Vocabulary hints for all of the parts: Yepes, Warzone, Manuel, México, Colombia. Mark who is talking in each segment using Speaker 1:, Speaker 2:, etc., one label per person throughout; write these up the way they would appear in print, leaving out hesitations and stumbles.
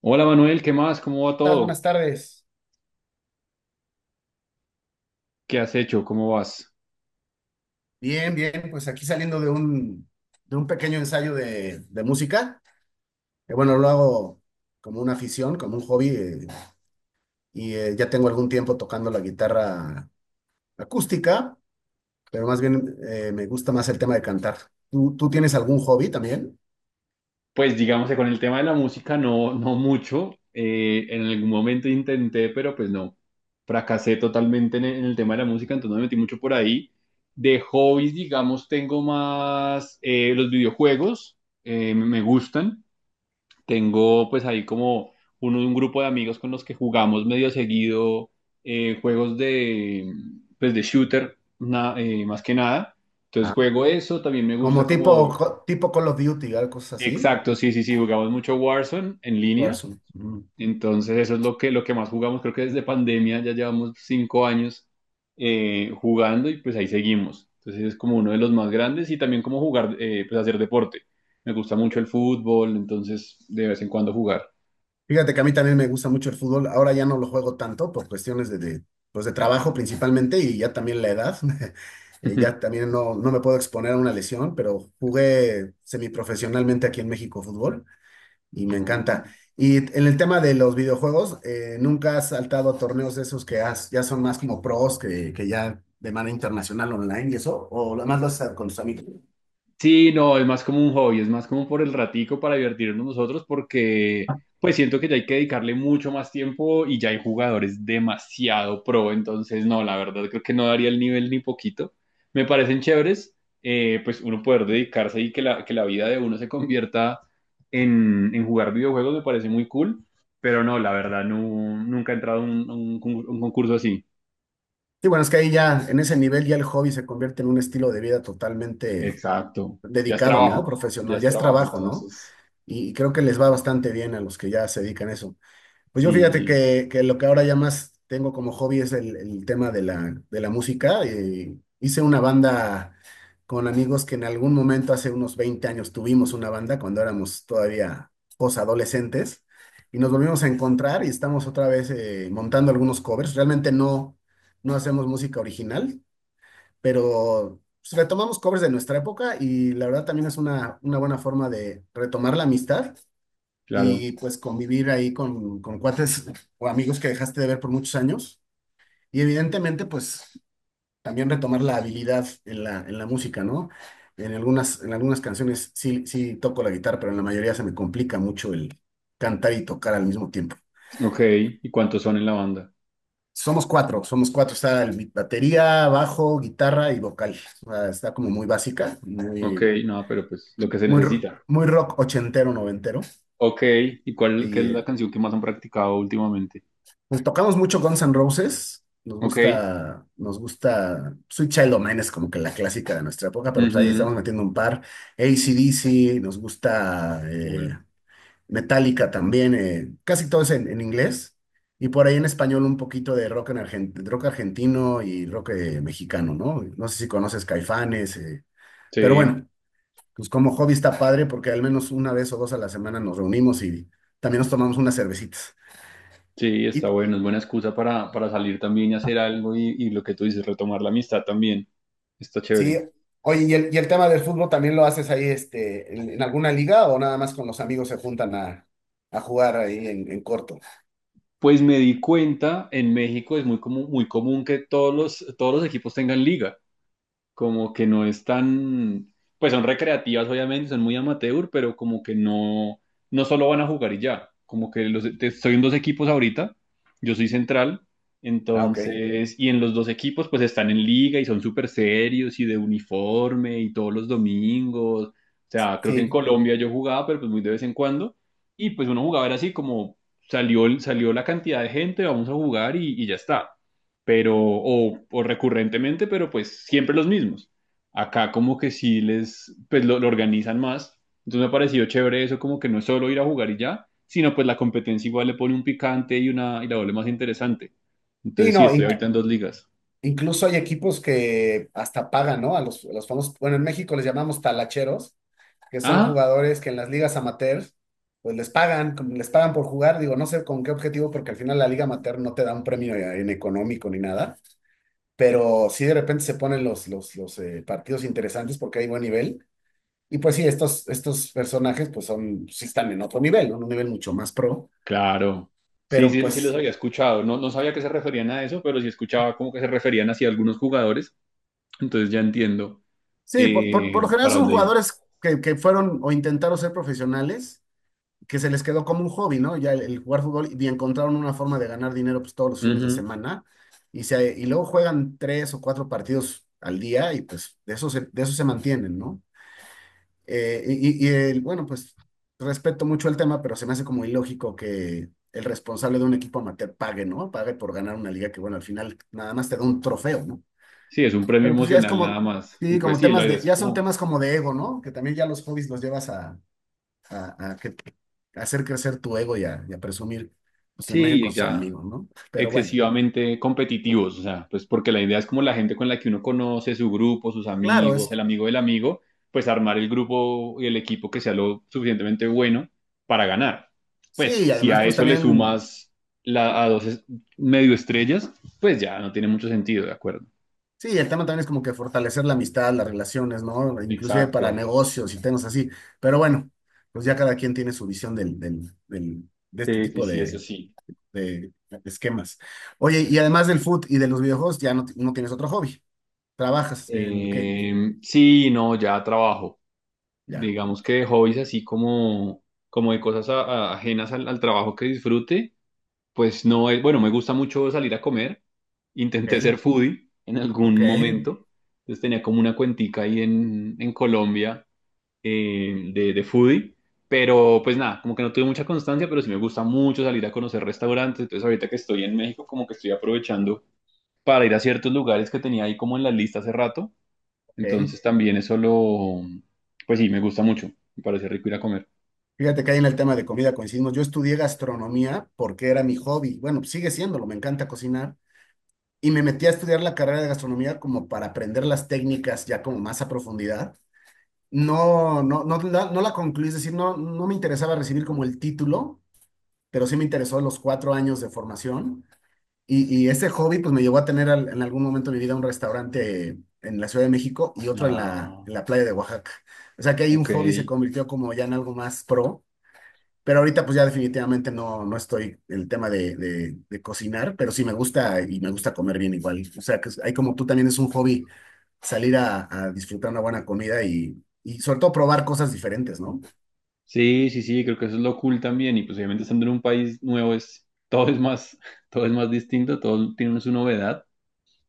Speaker 1: Hola Manuel, ¿qué más? ¿Cómo va
Speaker 2: Estás? Buenas
Speaker 1: todo?
Speaker 2: tardes.
Speaker 1: ¿Qué has hecho? ¿Cómo vas?
Speaker 2: Bien, bien, pues aquí saliendo de un pequeño ensayo de música, que bueno, lo hago como una afición, como un hobby, y ya tengo algún tiempo tocando la guitarra acústica, pero más bien me gusta más el tema de cantar. ¿Tú tienes algún hobby también?
Speaker 1: Pues digamos que con el tema de la música no mucho. En algún momento intenté, pero pues no. Fracasé totalmente en en el tema de la música, entonces no me metí mucho por ahí. De hobbies, digamos, tengo más los videojuegos, me gustan. Tengo pues ahí como un grupo de amigos con los que jugamos medio seguido juegos de, pues de shooter, más que nada. Entonces
Speaker 2: Ah,
Speaker 1: juego eso, también me gusta
Speaker 2: como tipo,
Speaker 1: como...
Speaker 2: tipo Call of Duty, algo así.
Speaker 1: Exacto, sí, sí, sí, jugamos mucho Warzone en línea.
Speaker 2: Warzone. Ujú.
Speaker 1: Entonces eso es lo que más jugamos, creo que desde pandemia ya llevamos cinco años jugando y pues ahí seguimos. Entonces es como uno de los más grandes y también como jugar, pues hacer deporte. Me gusta mucho el fútbol, entonces de vez en cuando jugar.
Speaker 2: Fíjate que a mí también me gusta mucho el fútbol. Ahora ya no lo juego tanto por cuestiones de pues de trabajo principalmente y ya también la edad. Ya también no, no me puedo exponer a una lesión, pero jugué semiprofesionalmente aquí en México fútbol y me encanta.
Speaker 1: Ah.
Speaker 2: Y en el tema de los videojuegos, ¿nunca has saltado a torneos de esos ya son más como pros que ya de manera internacional online y eso? ¿O nada más lo haces con tus amigos?
Speaker 1: Sí, no, es más como un hobby, es más como por el ratico para divertirnos nosotros porque pues siento que ya hay que dedicarle mucho más tiempo y ya hay jugadores demasiado pro, entonces no, la verdad creo que no daría el nivel ni poquito. Me parecen chéveres, pues uno poder dedicarse y que la vida de uno se convierta en jugar videojuegos me parece muy cool, pero no, la verdad no, nunca he entrado a un, un concurso así.
Speaker 2: Sí, bueno, es que ahí ya en ese nivel ya el hobby se convierte en un estilo de vida totalmente
Speaker 1: Exacto,
Speaker 2: dedicado, ¿no?
Speaker 1: ya
Speaker 2: Profesional,
Speaker 1: es
Speaker 2: ya es
Speaker 1: trabajo,
Speaker 2: trabajo, ¿no?
Speaker 1: entonces.
Speaker 2: Y creo que les va bastante bien a los que ya se dedican a eso. Pues yo fíjate
Speaker 1: Sí,
Speaker 2: que lo que ahora ya más tengo como hobby es el tema de de la música. Hice una banda con amigos que en algún momento, hace unos 20 años, tuvimos una banda cuando éramos todavía posadolescentes y nos volvimos a encontrar y estamos otra vez montando algunos covers. Realmente no, no hacemos música original, pero pues, retomamos covers de nuestra época y la verdad también es una buena forma de retomar la amistad
Speaker 1: claro.
Speaker 2: y pues convivir ahí con cuates o amigos que dejaste de ver por muchos años. Y evidentemente pues también retomar la habilidad en en la música, ¿no? En algunas canciones sí, sí toco la guitarra, pero en la mayoría se me complica mucho el cantar y tocar al mismo tiempo.
Speaker 1: Ok, ¿y cuántos son en la banda?
Speaker 2: Somos cuatro, somos cuatro. Está el batería, bajo, guitarra y vocal. O sea, está como muy básica,
Speaker 1: Ok,
Speaker 2: muy
Speaker 1: no, pero pues lo que se
Speaker 2: muy,
Speaker 1: necesita.
Speaker 2: muy rock ochentero, noventero.
Speaker 1: Ok, ¿y cuál qué
Speaker 2: Y
Speaker 1: es la canción que más han practicado últimamente?
Speaker 2: pues tocamos mucho Guns N' Roses.
Speaker 1: Ok,
Speaker 2: Nos gusta Sweet Child O' Mine es como que la clásica de nuestra época, pero pues ahí
Speaker 1: ujú,
Speaker 2: estamos metiendo un par. AC/DC, nos gusta
Speaker 1: cool.
Speaker 2: Metallica también, casi todo es en inglés. Y por ahí en español un poquito de rock, rock argentino y rock mexicano, ¿no? No sé si conoces Caifanes, pero
Speaker 1: Sí,
Speaker 2: bueno, pues como hobby está padre porque al menos una vez o dos a la semana nos reunimos y también nos tomamos unas cervecitas.
Speaker 1: sí, está
Speaker 2: Y
Speaker 1: bueno, es buena excusa para salir también y hacer algo y lo que tú dices, retomar la amistad también. Está
Speaker 2: sí,
Speaker 1: chévere.
Speaker 2: oye, ¿y el tema del fútbol también lo haces ahí este, en alguna liga o nada más con los amigos se juntan a jugar ahí en corto?
Speaker 1: Pues me di cuenta, en México es muy común que todos los equipos tengan liga. Como que no es tan, pues son recreativas obviamente, son muy amateur, pero como que no, no solo van a jugar y ya, como que estoy en dos equipos ahorita, yo soy central,
Speaker 2: Ah, ok.
Speaker 1: entonces, y en los dos equipos pues están en liga y son súper serios y de uniforme y todos los domingos, o sea, creo que en
Speaker 2: Sí,
Speaker 1: Colombia yo jugaba, pero pues muy de vez en cuando, y pues uno jugaba era así como salió, salió la cantidad de gente, vamos a jugar y ya está pero, o recurrentemente, pero pues siempre los mismos. Acá como que sí les, pues lo organizan más. Entonces me ha parecido chévere eso, como que no es solo ir a jugar y ya, sino pues la competencia igual le pone un picante y una, y la vuelve más interesante.
Speaker 2: sí,
Speaker 1: Entonces sí,
Speaker 2: no,
Speaker 1: estoy ahorita claro, en dos ligas.
Speaker 2: incluso hay equipos que hasta pagan, ¿no? A a los famosos, bueno, en México les llamamos talacheros, que son
Speaker 1: Ah,
Speaker 2: jugadores que en las ligas amateur, pues les pagan, como les pagan por jugar, digo, no sé con qué objetivo, porque al final la liga amateur no te da un premio en económico ni nada, pero sí de repente se ponen los partidos interesantes porque hay buen nivel. Y pues sí, estos, estos personajes pues son, sí están en otro nivel, ¿no? Un nivel mucho más pro,
Speaker 1: claro. Sí,
Speaker 2: pero
Speaker 1: sí, sí los
Speaker 2: pues
Speaker 1: había escuchado. No, no sabía que se referían a eso, pero sí escuchaba como que se referían hacia algunos jugadores. Entonces ya entiendo
Speaker 2: sí, por lo general
Speaker 1: para
Speaker 2: son
Speaker 1: dónde iba.
Speaker 2: jugadores que fueron o intentaron ser profesionales que se les quedó como un hobby, ¿no? Ya el jugar fútbol y encontraron una forma de ganar dinero pues todos los fines de
Speaker 1: Ujú.
Speaker 2: semana y luego juegan tres o cuatro partidos al día y pues de eso se mantienen, ¿no? Bueno, pues respeto mucho el tema, pero se me hace como ilógico que el responsable de un equipo amateur pague, ¿no? Pague por ganar una liga que, bueno, al final nada más te da un trofeo, ¿no?
Speaker 1: Sí, es un premio
Speaker 2: Pero pues ya es
Speaker 1: emocional nada
Speaker 2: como,
Speaker 1: más. Y
Speaker 2: sí,
Speaker 1: pues
Speaker 2: como
Speaker 1: sí, la
Speaker 2: temas
Speaker 1: idea
Speaker 2: de,
Speaker 1: es
Speaker 2: ya son
Speaker 1: como
Speaker 2: temas como de ego, ¿no? Que también ya los hobbies los llevas a, a que- a hacer crecer tu ego y y a presumir pues, tu imagen
Speaker 1: sí,
Speaker 2: con sus
Speaker 1: ya
Speaker 2: amigos, ¿no? Pero bueno,
Speaker 1: excesivamente competitivos, o sea, pues porque la idea es como la gente con la que uno conoce, su grupo, sus
Speaker 2: claro,
Speaker 1: amigos,
Speaker 2: es
Speaker 1: el amigo del amigo, pues armar el grupo y el equipo que sea lo suficientemente bueno para ganar.
Speaker 2: sí,
Speaker 1: Pues
Speaker 2: y
Speaker 1: si
Speaker 2: además
Speaker 1: a
Speaker 2: pues
Speaker 1: eso le
Speaker 2: también,
Speaker 1: sumas la, medio estrellas, pues ya no tiene mucho sentido, ¿de acuerdo?
Speaker 2: sí, el tema también es como que fortalecer la amistad, las relaciones, ¿no? Inclusive para
Speaker 1: Exacto.
Speaker 2: negocios y temas así, pero bueno, pues ya cada quien tiene su visión de este
Speaker 1: Sí, sí,
Speaker 2: tipo
Speaker 1: sí, eso sí.
Speaker 2: de esquemas. Oye, y además del foot y de los videojuegos, ya no, no tienes otro hobby, ¿trabajas en qué?
Speaker 1: Sí, no, ya trabajo.
Speaker 2: Ya,
Speaker 1: Digamos que hobbies así como, como de cosas ajenas al trabajo que disfrute. Pues no, bueno, me gusta mucho salir a comer. Intenté
Speaker 2: ok,
Speaker 1: ser foodie en algún
Speaker 2: ok,
Speaker 1: momento. Entonces tenía como una cuentica ahí en Colombia de foodie. Pero pues nada, como que no tuve mucha constancia, pero sí me gusta mucho salir a conocer restaurantes. Entonces ahorita que estoy en México, como que estoy aprovechando para ir a ciertos lugares que tenía ahí como en la lista hace rato.
Speaker 2: ok.
Speaker 1: Entonces también pues sí, me gusta mucho. Me parece rico ir a comer.
Speaker 2: Fíjate que ahí en el tema de comida coincidimos. Yo estudié gastronomía porque era mi hobby. Bueno, pues sigue siéndolo, me encanta cocinar. Y me metí a estudiar la carrera de gastronomía como para aprender las técnicas ya como más a profundidad. No, no la concluí, es decir, no, no me interesaba recibir como el título, pero sí me interesó los cuatro años de formación. Y ese hobby pues me llevó a tener en algún momento de mi vida un restaurante en la Ciudad de México y otro en
Speaker 1: Ah,
Speaker 2: en la playa de Oaxaca. O sea que ahí un
Speaker 1: ok.
Speaker 2: hobby se convirtió como ya en algo más pro, pero ahorita pues ya definitivamente no, no estoy en el tema de cocinar, pero sí me gusta y me gusta comer bien igual. O sea, hay como tú también es un hobby salir a disfrutar una buena comida y sobre todo probar cosas diferentes, ¿no?
Speaker 1: Sí, sí, sí, creo que eso es lo cool también. Y pues obviamente estando en un país nuevo es, todo es más, todo es más distinto, todo tiene su novedad.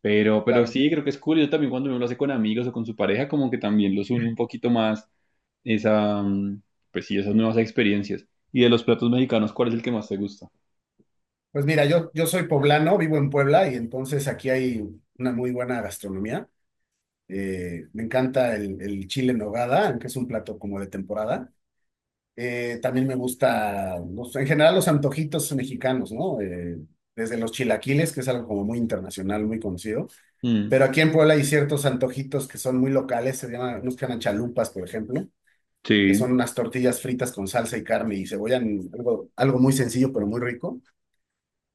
Speaker 1: Pero
Speaker 2: Claro.
Speaker 1: sí, creo que es cool. Yo también cuando uno lo hace con amigos o con su pareja, como que también los une un poquito más esa, pues sí, esas nuevas experiencias. Y de los platos mexicanos, ¿cuál es el que más te gusta?
Speaker 2: Pues mira, yo soy poblano, vivo en Puebla y entonces aquí hay una muy buena gastronomía. Me encanta el chile en nogada, que es un plato como de temporada. También me gusta, en general, los antojitos mexicanos, ¿no? Desde los chilaquiles, que es algo como muy internacional, muy conocido.
Speaker 1: Mm,
Speaker 2: Pero aquí en Puebla hay ciertos antojitos que son muy locales, se llaman, nos llaman chalupas, por ejemplo, que son
Speaker 1: sí,
Speaker 2: unas tortillas fritas con salsa y carne y cebolla, algo, algo muy sencillo, pero muy rico.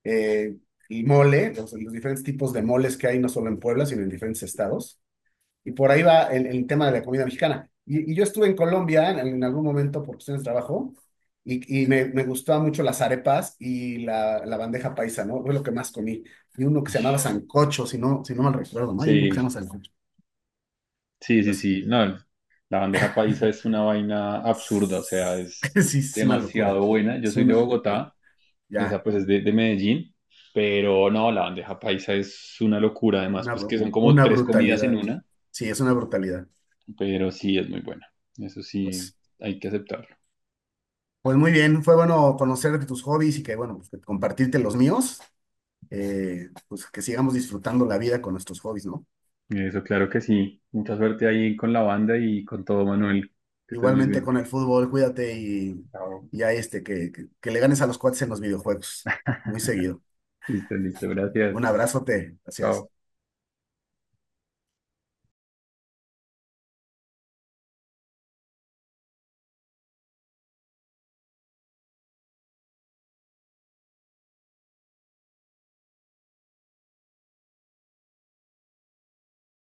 Speaker 2: Eh, y mole, los diferentes tipos de moles que hay, no solo en Puebla, sino en diferentes estados. Y por ahí va el tema de la comida mexicana. Y yo estuve en Colombia en algún momento por cuestiones de trabajo y me gustaban mucho las arepas y la bandeja paisa, ¿no? Fue lo que más comí. Y uno que se llamaba sancocho, si no, si no mal recuerdo, ¿no? Hay uno que se llama
Speaker 1: sí,
Speaker 2: sancocho.
Speaker 1: sí, sí,
Speaker 2: Pues
Speaker 1: sí. No, la bandeja paisa es una vaina absurda, o sea, es
Speaker 2: sí, es una locura.
Speaker 1: demasiado buena. Yo
Speaker 2: Es
Speaker 1: soy de
Speaker 2: una,
Speaker 1: Bogotá. Esa
Speaker 2: ya,
Speaker 1: pues es de Medellín, pero no, la bandeja paisa es una locura, además,
Speaker 2: una,
Speaker 1: pues que son como
Speaker 2: una
Speaker 1: tres comidas en
Speaker 2: brutalidad.
Speaker 1: una,
Speaker 2: Sí, es una brutalidad.
Speaker 1: pero sí es muy buena, eso sí
Speaker 2: Pues,
Speaker 1: hay que aceptarlo.
Speaker 2: pues muy bien, fue bueno conocer de tus hobbies y que, bueno, pues, compartirte los míos. Pues que sigamos disfrutando la vida con nuestros hobbies, ¿no?
Speaker 1: Eso claro que sí, mucha suerte ahí con la banda y con todo, Manuel, que estés muy
Speaker 2: Igualmente con
Speaker 1: bien.
Speaker 2: el fútbol, cuídate
Speaker 1: Chao.
Speaker 2: y ahí este, que le ganes a los cuates en los videojuegos, muy seguido.
Speaker 1: Listo, listo, gracias.
Speaker 2: Un abrazote, gracias.
Speaker 1: Chao.